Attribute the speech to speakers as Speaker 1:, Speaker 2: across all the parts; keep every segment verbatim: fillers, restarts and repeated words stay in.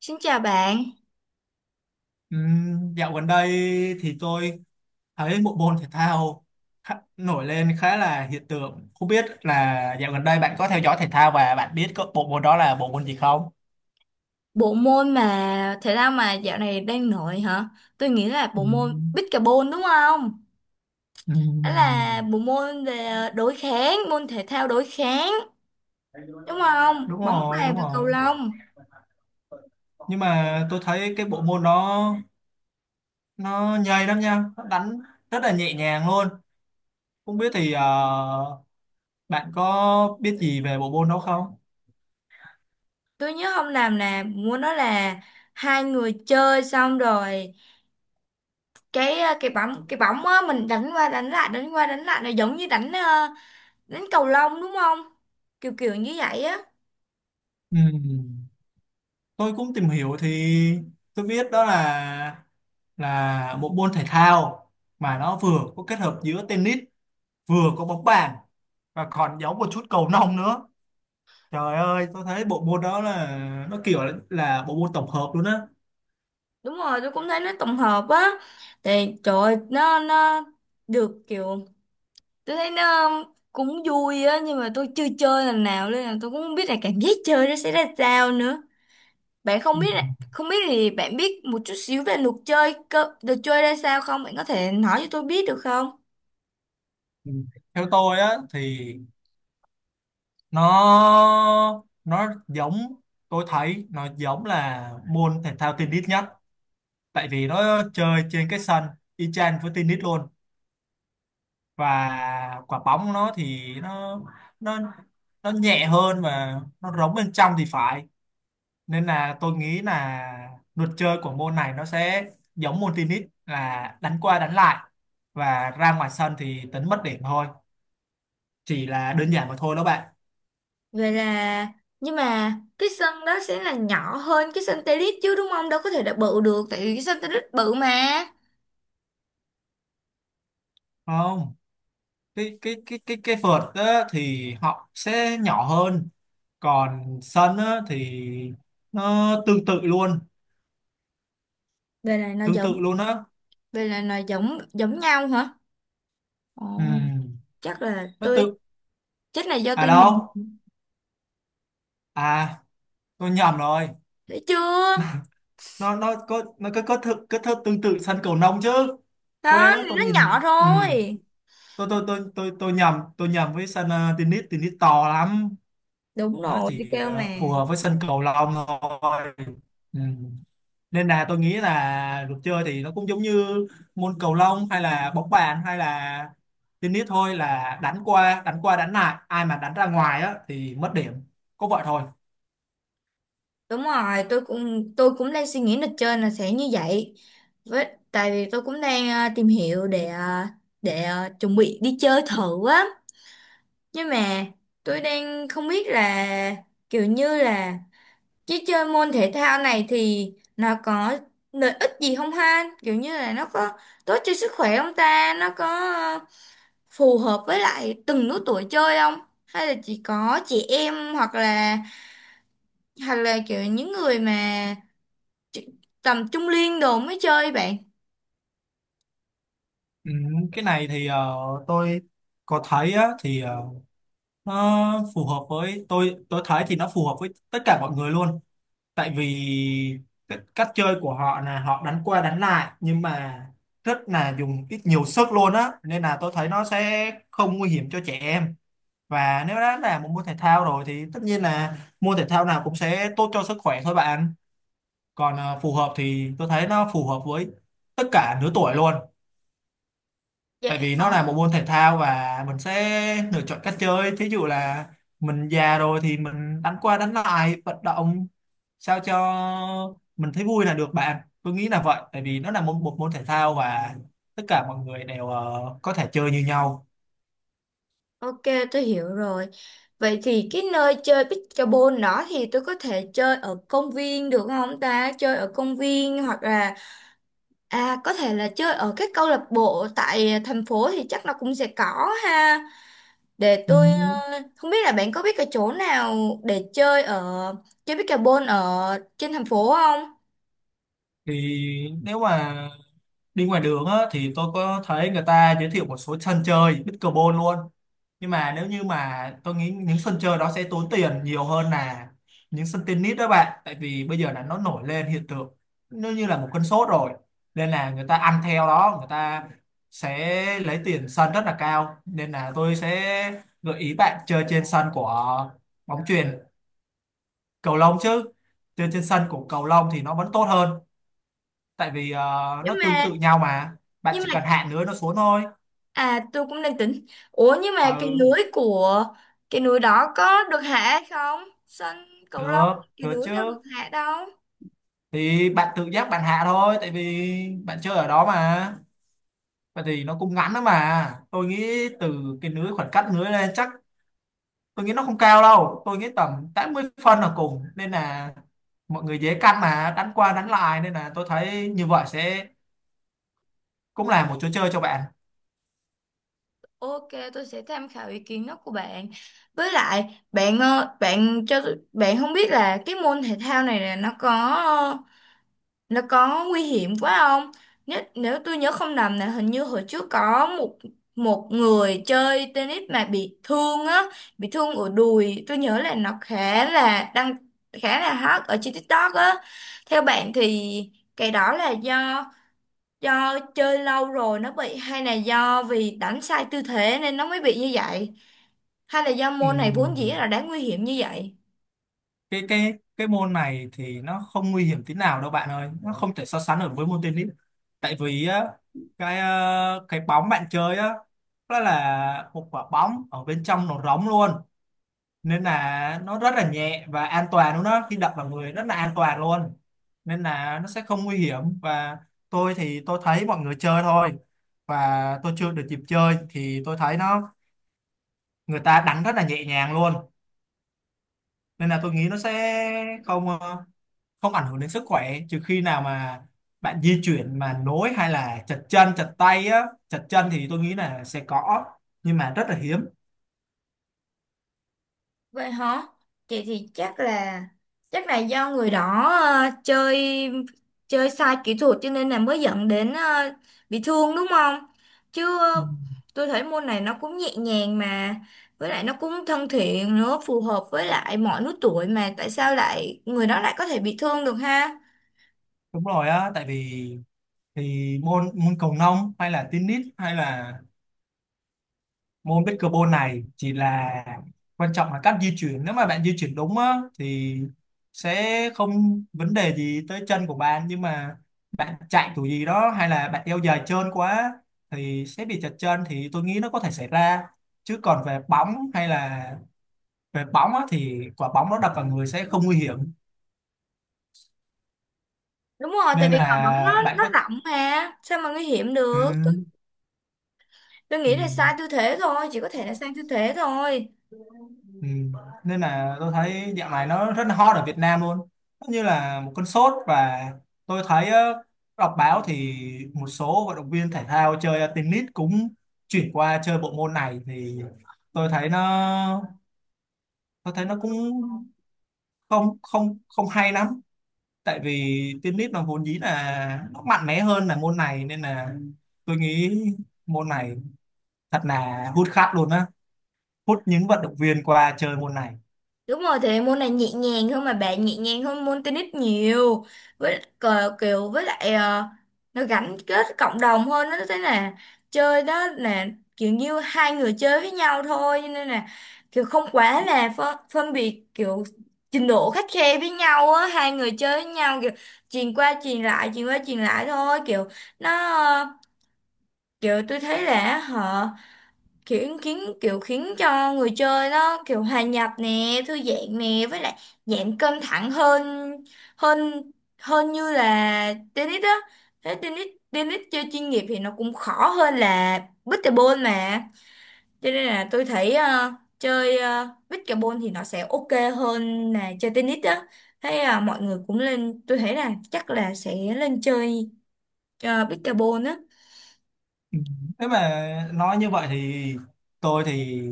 Speaker 1: Xin chào bạn,
Speaker 2: Ừm, dạo gần đây thì tôi thấy bộ môn thể thao khá, nổi lên khá là hiện tượng. Không biết là dạo gần đây bạn có theo dõi thể thao và bạn biết có bộ môn đó là bộ môn gì không?
Speaker 1: bộ môn mà thể thao mà dạo này đang nổi hả? Tôi nghĩ là bộ môn
Speaker 2: Ừm,
Speaker 1: pickleball đúng không? Đó
Speaker 2: ừm,
Speaker 1: là bộ môn về ờ, đối kháng, môn thể thao đối kháng đúng không?
Speaker 2: Đúng
Speaker 1: Bóng
Speaker 2: rồi,
Speaker 1: bàn
Speaker 2: đúng
Speaker 1: và
Speaker 2: rồi.
Speaker 1: cầu lông.
Speaker 2: Nhưng mà tôi thấy cái bộ môn đó nó nhây lắm nha, nó đánh rất là nhẹ nhàng luôn. Không biết thì ờ, bạn có biết gì về bộ môn đó không?
Speaker 1: Tôi nhớ không làm là môn đó là hai người chơi xong rồi cái ờ, cái bóng cái bóng á, mình đánh qua đánh lại đánh qua đánh lại, là giống như đánh ờ, đánh cầu lông đúng không? Kiểu kiểu như vậy á.
Speaker 2: Ừm. Tôi cũng tìm hiểu thì tôi biết đó là là một môn thể thao mà nó vừa có kết hợp giữa tennis, vừa có bóng bàn và còn giống một chút cầu lông nữa. Trời ơi, tôi thấy bộ môn đó là nó kiểu là, là bộ môn tổng hợp luôn á.
Speaker 1: Đúng rồi, tôi cũng thấy nó tổng hợp á. Thì trời ơi, nó nó được kiểu tôi thấy nó cũng vui á, nhưng mà tôi chưa chơi lần nào nên là tôi cũng không biết là cảm giác chơi nó sẽ ra sao nữa. Bạn
Speaker 2: Ừ.
Speaker 1: không biết là không biết thì bạn biết một chút xíu về luật chơi cơ, được chơi ra sao không, bạn có thể nói cho tôi biết được không?
Speaker 2: Ừ. Theo tôi á thì nó nó giống, tôi thấy nó giống là môn thể thao tennis nhất, tại vì nó chơi trên cái sân y chang với tennis luôn. Và quả bóng nó thì nó nó nó nhẹ hơn và nó rỗng bên trong thì phải, nên là tôi nghĩ là luật chơi của môn này nó sẽ giống môn tennis là đánh qua đánh lại, và ra ngoài sân thì tính mất điểm thôi, chỉ là đơn giản mà thôi đó bạn.
Speaker 1: Vậy là nhưng mà cái sân đó sẽ là nhỏ hơn cái sân tennis chứ, đúng không? Đâu có thể là bự được, tại vì cái sân tennis bự mà.
Speaker 2: Không, cái cái cái cái cái vợt á, thì họ sẽ nhỏ hơn, còn sân á, thì nó tương tự luôn,
Speaker 1: Vậy là nó
Speaker 2: tương
Speaker 1: giống,
Speaker 2: tự luôn á.
Speaker 1: vậy là nó giống giống nhau hả? Ồ.
Speaker 2: Ừm,
Speaker 1: Chắc là
Speaker 2: nó
Speaker 1: tôi
Speaker 2: tự,
Speaker 1: chắc là do
Speaker 2: à
Speaker 1: tôi nhìn
Speaker 2: đâu, à, tôi nhầm rồi.
Speaker 1: thấy chưa,
Speaker 2: Nó nó có nó có có thơ, có thơ tương tự sân cầu lông chứ. Quên
Speaker 1: đó
Speaker 2: đó, tôi
Speaker 1: nó nhỏ
Speaker 2: nhìn, ừ.
Speaker 1: thôi.
Speaker 2: tôi, tôi tôi tôi tôi nhầm, tôi nhầm với sân ờ, tennis, tennis to lắm.
Speaker 1: Đúng
Speaker 2: Nó
Speaker 1: rồi tôi
Speaker 2: chỉ
Speaker 1: kêu mà.
Speaker 2: ờ, phù hợp với sân cầu lông thôi. Ừ. Nên là tôi nghĩ là luật chơi thì nó cũng giống như môn cầu lông hay là bóng bàn hay là tennis thôi, là đánh qua đánh qua đánh lại, ai mà đánh ra ngoài á thì mất điểm, có vậy thôi.
Speaker 1: Đúng rồi, tôi cũng tôi cũng đang suy nghĩ lịch trên là sẽ như vậy. Với tại vì tôi cũng đang ờ, tìm hiểu để ờ, để ờ, chuẩn bị đi chơi thử á. Nhưng mà tôi đang không biết là kiểu như là chứ chơi môn thể thao này thì nó có lợi ích gì không ha? Kiểu như là nó có tốt cho sức khỏe không ta? Nó có ờ, phù hợp với lại từng lứa tuổi chơi không? Hay là chỉ có chị em hoặc là hoặc là kiểu những người mà chu- tầm trung niên đồ mới chơi bạn?
Speaker 2: Ừ, cái này thì ờ, tôi có thấy á, thì ờ, nó phù hợp với tôi tôi thấy thì nó phù hợp với tất cả mọi người luôn. Tại vì cái cách chơi của họ là họ đánh qua đánh lại, nhưng mà rất là dùng ít nhiều sức luôn á, nên là tôi thấy nó sẽ không nguy hiểm cho trẻ em. Và nếu đã là một môn thể thao rồi thì tất nhiên là môn thể thao nào cũng sẽ tốt cho sức khỏe thôi bạn. Còn ờ, phù hợp thì tôi thấy nó phù hợp với tất cả lứa tuổi luôn,
Speaker 1: Dạ.
Speaker 2: tại vì
Speaker 1: Ờ.
Speaker 2: nó là một môn thể thao và mình sẽ lựa chọn cách chơi. Thí dụ là mình già rồi thì mình đánh qua đánh lại, vận động sao cho mình thấy vui là được bạn. Tôi nghĩ là vậy, tại vì nó là một, một môn thể thao và tất cả mọi người đều ờ, có thể chơi như nhau.
Speaker 1: Ok, tôi hiểu rồi. Vậy thì cái nơi chơi pickleball đó thì tôi có thể chơi ở công viên được không ta? Chơi ở công viên hoặc là à, có thể là chơi ở cái câu lạc bộ tại thành phố thì chắc là cũng sẽ có ha. Để
Speaker 2: Ừ.
Speaker 1: tôi ờ, không biết là bạn có biết cái chỗ nào để chơi ở chơi pickleball ở trên thành phố không?
Speaker 2: Thì nếu mà đi ngoài đường á, thì tôi có thấy người ta giới thiệu một số sân chơi pickleball luôn. Nhưng mà nếu như mà tôi nghĩ những sân chơi đó sẽ tốn tiền nhiều hơn là những sân tennis đó bạn, tại vì bây giờ là nó nổi lên hiện tượng, nó như là một cơn sốt rồi, nên là người ta ăn theo đó, người ta sẽ lấy tiền sân rất là cao. Nên là tôi sẽ gợi ý bạn chơi trên sân của bóng chuyền, cầu lông chứ. Chơi trên sân của cầu lông thì nó vẫn tốt hơn, tại vì ờ,
Speaker 1: Nhưng
Speaker 2: nó tương
Speaker 1: mà
Speaker 2: tự nhau mà, bạn
Speaker 1: nhưng
Speaker 2: chỉ
Speaker 1: mà
Speaker 2: cần hạ nữa nó xuống thôi.
Speaker 1: à, tôi cũng đang tính. Ủa nhưng mà cái
Speaker 2: Ừ,
Speaker 1: lưới của cái núi đó có được hạ hay không? Sân cầu lông
Speaker 2: được
Speaker 1: cái
Speaker 2: được
Speaker 1: núi
Speaker 2: chứ,
Speaker 1: đâu được hạ đâu.
Speaker 2: thì bạn tự giác bạn hạ thôi, tại vì bạn chơi ở đó mà. Vậy thì nó cũng ngắn lắm mà, tôi nghĩ từ cái lưới, khoảng cách lưới lên chắc, tôi nghĩ nó không cao đâu, tôi nghĩ tầm tám mươi phân là cùng, nên là mọi người dễ căn mà đánh qua đánh lại. Nên là tôi thấy như vậy sẽ cũng là một chỗ chơi cho bạn.
Speaker 1: Ok, tôi sẽ tham khảo ý kiến đó của bạn. Với lại, bạn ờ, bạn cho tôi- bạn không biết là cái môn thể thao này là nó có nó có nguy hiểm quá không? Nếu, nếu tôi nhớ không nhầm là hình như hồi trước có một một người chơi tennis mà bị thương á, bị thương ở đùi. Tôi nhớ là nó khá là đăng, khá là hot ở trên TikTok á. Theo bạn thì cái đó là do do chơi lâu rồi nó bị, hay là do vì đánh sai tư thế nên nó mới bị như vậy? Hay là do
Speaker 2: Ừ.
Speaker 1: môn này vốn dĩ là đã nguy hiểm như vậy?
Speaker 2: cái cái cái môn này thì nó không nguy hiểm tí nào đâu bạn ơi, nó không thể so sánh được với môn tennis. Tại vì á, cái ờ, cái bóng bạn chơi á, nó là một quả bóng ở bên trong nó rỗng luôn, nên là nó rất là nhẹ và an toàn luôn đó, khi đập vào người rất là an toàn luôn. Nên là nó sẽ không nguy hiểm. Và tôi thì tôi thấy mọi người chơi thôi, và tôi chưa được dịp chơi, thì tôi thấy nó, người ta đánh rất là nhẹ nhàng luôn. Nên là tôi nghĩ nó sẽ không ờ, không ảnh hưởng đến sức khỏe, trừ khi nào mà bạn di chuyển mà nối hay là chật chân chật tay á, chật chân thì tôi nghĩ là sẽ có, nhưng mà rất là hiếm.
Speaker 1: Vậy hả? Chị thì chắc là chắc là do người đó ờ, chơi chơi sai kỹ thuật cho nên là mới dẫn đến ờ, bị thương đúng không? Chứ
Speaker 2: Ừ,
Speaker 1: ờ, tôi thấy môn này nó cũng nhẹ nhàng mà, với lại nó cũng thân thiện nữa, phù hợp với lại mọi lứa tuổi, mà tại sao lại người đó lại có thể bị thương được ha?
Speaker 2: đúng rồi á. Tại vì thì môn môn cầu lông hay là tennis hay là môn pickleball này chỉ là, quan trọng là cách di chuyển. Nếu mà bạn di chuyển đúng á, thì sẽ không vấn đề gì tới chân của bạn. Nhưng mà bạn chạy kiểu gì đó hay là bạn đeo giày trơn quá thì sẽ bị trật chân, thì tôi nghĩ nó có thể xảy ra. Chứ còn về bóng hay là về bóng á, thì quả bóng nó đập vào người sẽ không nguy hiểm.
Speaker 1: Đúng rồi, tại
Speaker 2: Nên
Speaker 1: vì cờ bóng nó
Speaker 2: là bạn
Speaker 1: nó
Speaker 2: có,
Speaker 1: rộng mà, sao mà nguy hiểm
Speaker 2: ừ,
Speaker 1: được? Tôi, tôi
Speaker 2: ừ.
Speaker 1: nghĩ là sai tư thế thôi, chỉ có thể là sai tư thế thôi.
Speaker 2: Ừ. Nên là tôi thấy dạo này nó rất là hot ở Việt Nam luôn, nó như là một cơn sốt. Và tôi thấy ờ, đọc báo thì một số vận động viên thể thao chơi tennis cũng chuyển qua chơi bộ môn này. Thì tôi thấy nó tôi thấy nó cũng không không không hay lắm, tại vì tennis nó vốn dĩ là nó mạnh mẽ hơn là môn này. Nên là tôi nghĩ môn này thật là hút khách luôn á, hút những vận động viên qua chơi môn này.
Speaker 1: Đúng rồi, thì môn này nhẹ nhàng hơn mà bạn, nhẹ nhàng hơn môn tennis nhiều. Với cờ kiểu với lại ờ, nó gắn kết cộng đồng hơn, nó thế là chơi đó là kiểu như hai người chơi với nhau thôi, cho nên là kiểu không quá là phân, phân biệt kiểu trình độ khắt khe với nhau á, hai người chơi với nhau kiểu truyền qua truyền lại, truyền qua truyền lại thôi, kiểu nó kiểu tôi thấy là họ kiểu khiến kiểu khiến cho người chơi nó kiểu hòa nhập nè, thư giãn nè, với lại giảm căng thẳng hơn hơn hơn như là tennis á. Thế tennis tennis chơi chuyên nghiệp thì nó cũng khó hơn là pickleball mà. Cho nên là tôi thấy ờ, chơi ờ, pickleball thì nó sẽ ok hơn là chơi tennis á. Thế ờ, mọi người cũng lên, tôi thấy là chắc là sẽ lên chơi uh, pickleball á.
Speaker 2: Ừ. Nếu mà nói như vậy thì tôi thì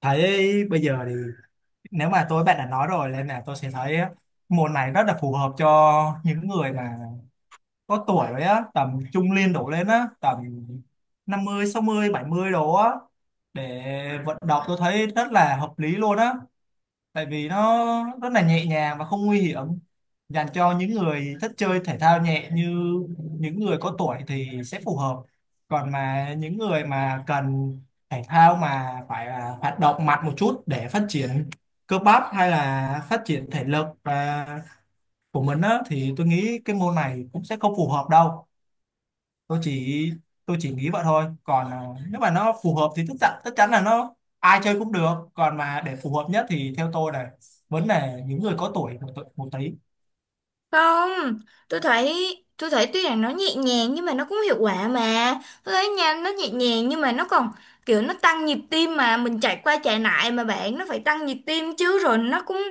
Speaker 2: thấy bây giờ thì, nếu mà tôi bạn đã nói rồi, nên là tôi sẽ thấy môn này rất là phù hợp cho những người mà có tuổi rồi á, tầm trung niên đổ lên á, tầm năm mươi, sáu mươi, bảy mươi đồ á, để vận động. Tôi thấy rất là hợp lý luôn á, tại vì nó rất là nhẹ nhàng và không nguy hiểm, dành cho những người thích chơi thể thao nhẹ như những người có tuổi thì sẽ phù hợp. Còn mà những người mà cần thể thao mà phải là hoạt động mạnh một chút để phát triển cơ bắp hay là phát triển thể lực à, của mình á, thì tôi nghĩ cái môn này cũng sẽ không phù hợp đâu. tôi chỉ tôi chỉ nghĩ vậy thôi. Còn à, nếu mà nó phù hợp thì tất chắn tất chắn là nó ai chơi cũng được. Còn mà để phù hợp nhất thì theo tôi là vẫn là những người có tuổi một, tu- một tí.
Speaker 1: Không, tôi thấy tôi thấy tuy rằng nó nhẹ nhàng nhưng mà nó cũng hiệu quả mà. Tôi thấy nha, nó nhẹ nhàng nhưng mà nó còn kiểu nó tăng nhịp tim, mà mình chạy qua chạy lại mà bạn, nó phải tăng nhịp tim chứ, rồi nó cũng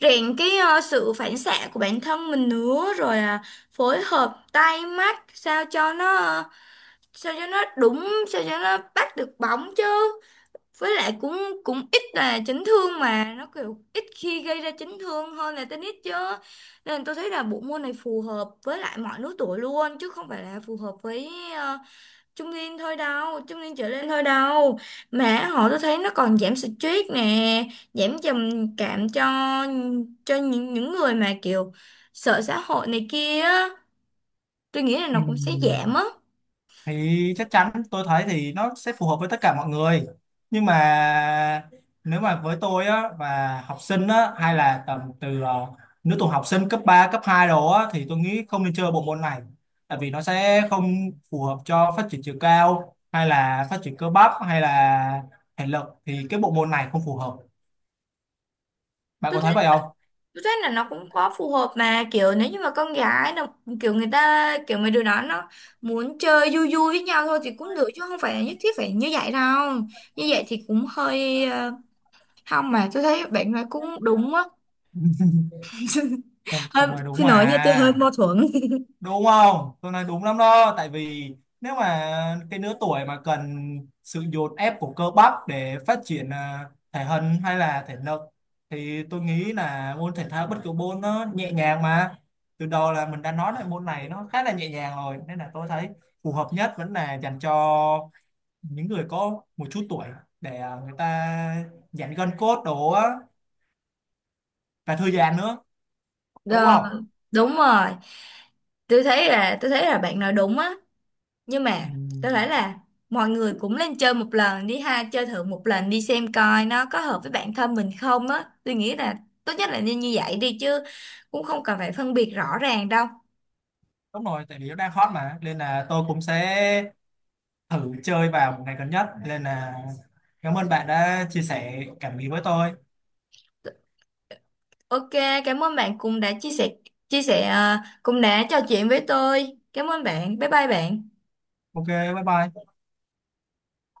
Speaker 1: rèn cái ờ, sự phản xạ của bản thân mình nữa, rồi à, phối hợp tay mắt sao cho nó ờ, sao cho nó đúng, sao cho nó bắt được bóng chứ. Với lại cũng cũng ít là chấn thương mà, nó kiểu ít khi gây ra chấn thương hơn là tennis chứ. Nên tôi thấy là bộ môn này phù hợp với lại mọi lứa tuổi luôn, chứ không phải là phù hợp với ờ, trung niên thôi đâu, trung niên trở lên thôi đâu. Mà họ tôi thấy nó còn giảm stress nè, giảm trầm cảm cho cho những những người mà kiểu sợ xã hội này kia á. Tôi nghĩ là nó cũng sẽ giảm
Speaker 2: Ừm,
Speaker 1: á.
Speaker 2: thì chắc chắn tôi thấy thì nó sẽ phù hợp với tất cả mọi người. Nhưng mà nếu mà với tôi á, và học sinh á, hay là tầm từ ờ, lứa tuổi học sinh cấp ba, cấp hai đó á, thì tôi nghĩ không nên chơi bộ môn này, tại vì nó sẽ không phù hợp cho phát triển chiều cao hay là phát triển cơ bắp hay là thể lực, thì cái bộ môn này không phù hợp. Bạn có thấy vậy không?
Speaker 1: Tôi thấy là nó cũng có phù hợp mà, kiểu nếu như mà con gái nó kiểu người ta kiểu mấy đứa đó nó muốn chơi vui vui với nhau thôi thì cũng được, chứ không phải nhất thiết phải như vậy đâu. Như vậy thì cũng hơi ờ, không, mà tôi thấy bạn nói cũng đúng á.
Speaker 2: tôi,
Speaker 1: Hơi
Speaker 2: tôi nói đúng
Speaker 1: xin lỗi nha, tôi hơi
Speaker 2: mà.
Speaker 1: mâu thuẫn.
Speaker 2: Đúng không, tôi nói đúng lắm đó. Tại vì nếu mà cái lứa tuổi mà cần sự dồn ép của cơ bắp để phát triển à, thể hình hay là thể lực, thì tôi nghĩ là môn thể thao bất cứ môn nó nhẹ nhàng mà, từ đầu là mình đã nói là môn này nó khá là nhẹ nhàng rồi, nên là tôi thấy phù hợp nhất vẫn là dành cho những người có một chút tuổi, để à, người ta giãn gân cốt đồ á, và thư giãn nữa. Đúng
Speaker 1: Ờ,
Speaker 2: không?
Speaker 1: đúng rồi, tôi thấy là tôi thấy là bạn nói đúng á. Nhưng mà
Speaker 2: Ừ.
Speaker 1: có thể là mọi người cũng lên chơi một lần đi ha, chơi thử một lần đi xem coi nó có hợp với bản thân mình không á. Tôi nghĩ là tốt nhất là nên như vậy đi, chứ cũng không cần phải phân biệt rõ ràng đâu.
Speaker 2: Đúng rồi, tại vì nó đang hot mà, nên là tôi cũng sẽ thử chơi vào một ngày gần nhất. Nên là cảm ơn bạn đã chia sẻ cảm nghĩ với tôi.
Speaker 1: Ok, cảm ơn bạn cũng đã chia sẻ, chia sẻ à, cũng đã trò chuyện với tôi. Cảm ơn bạn, bye bye bạn.
Speaker 2: Ok, bye bye.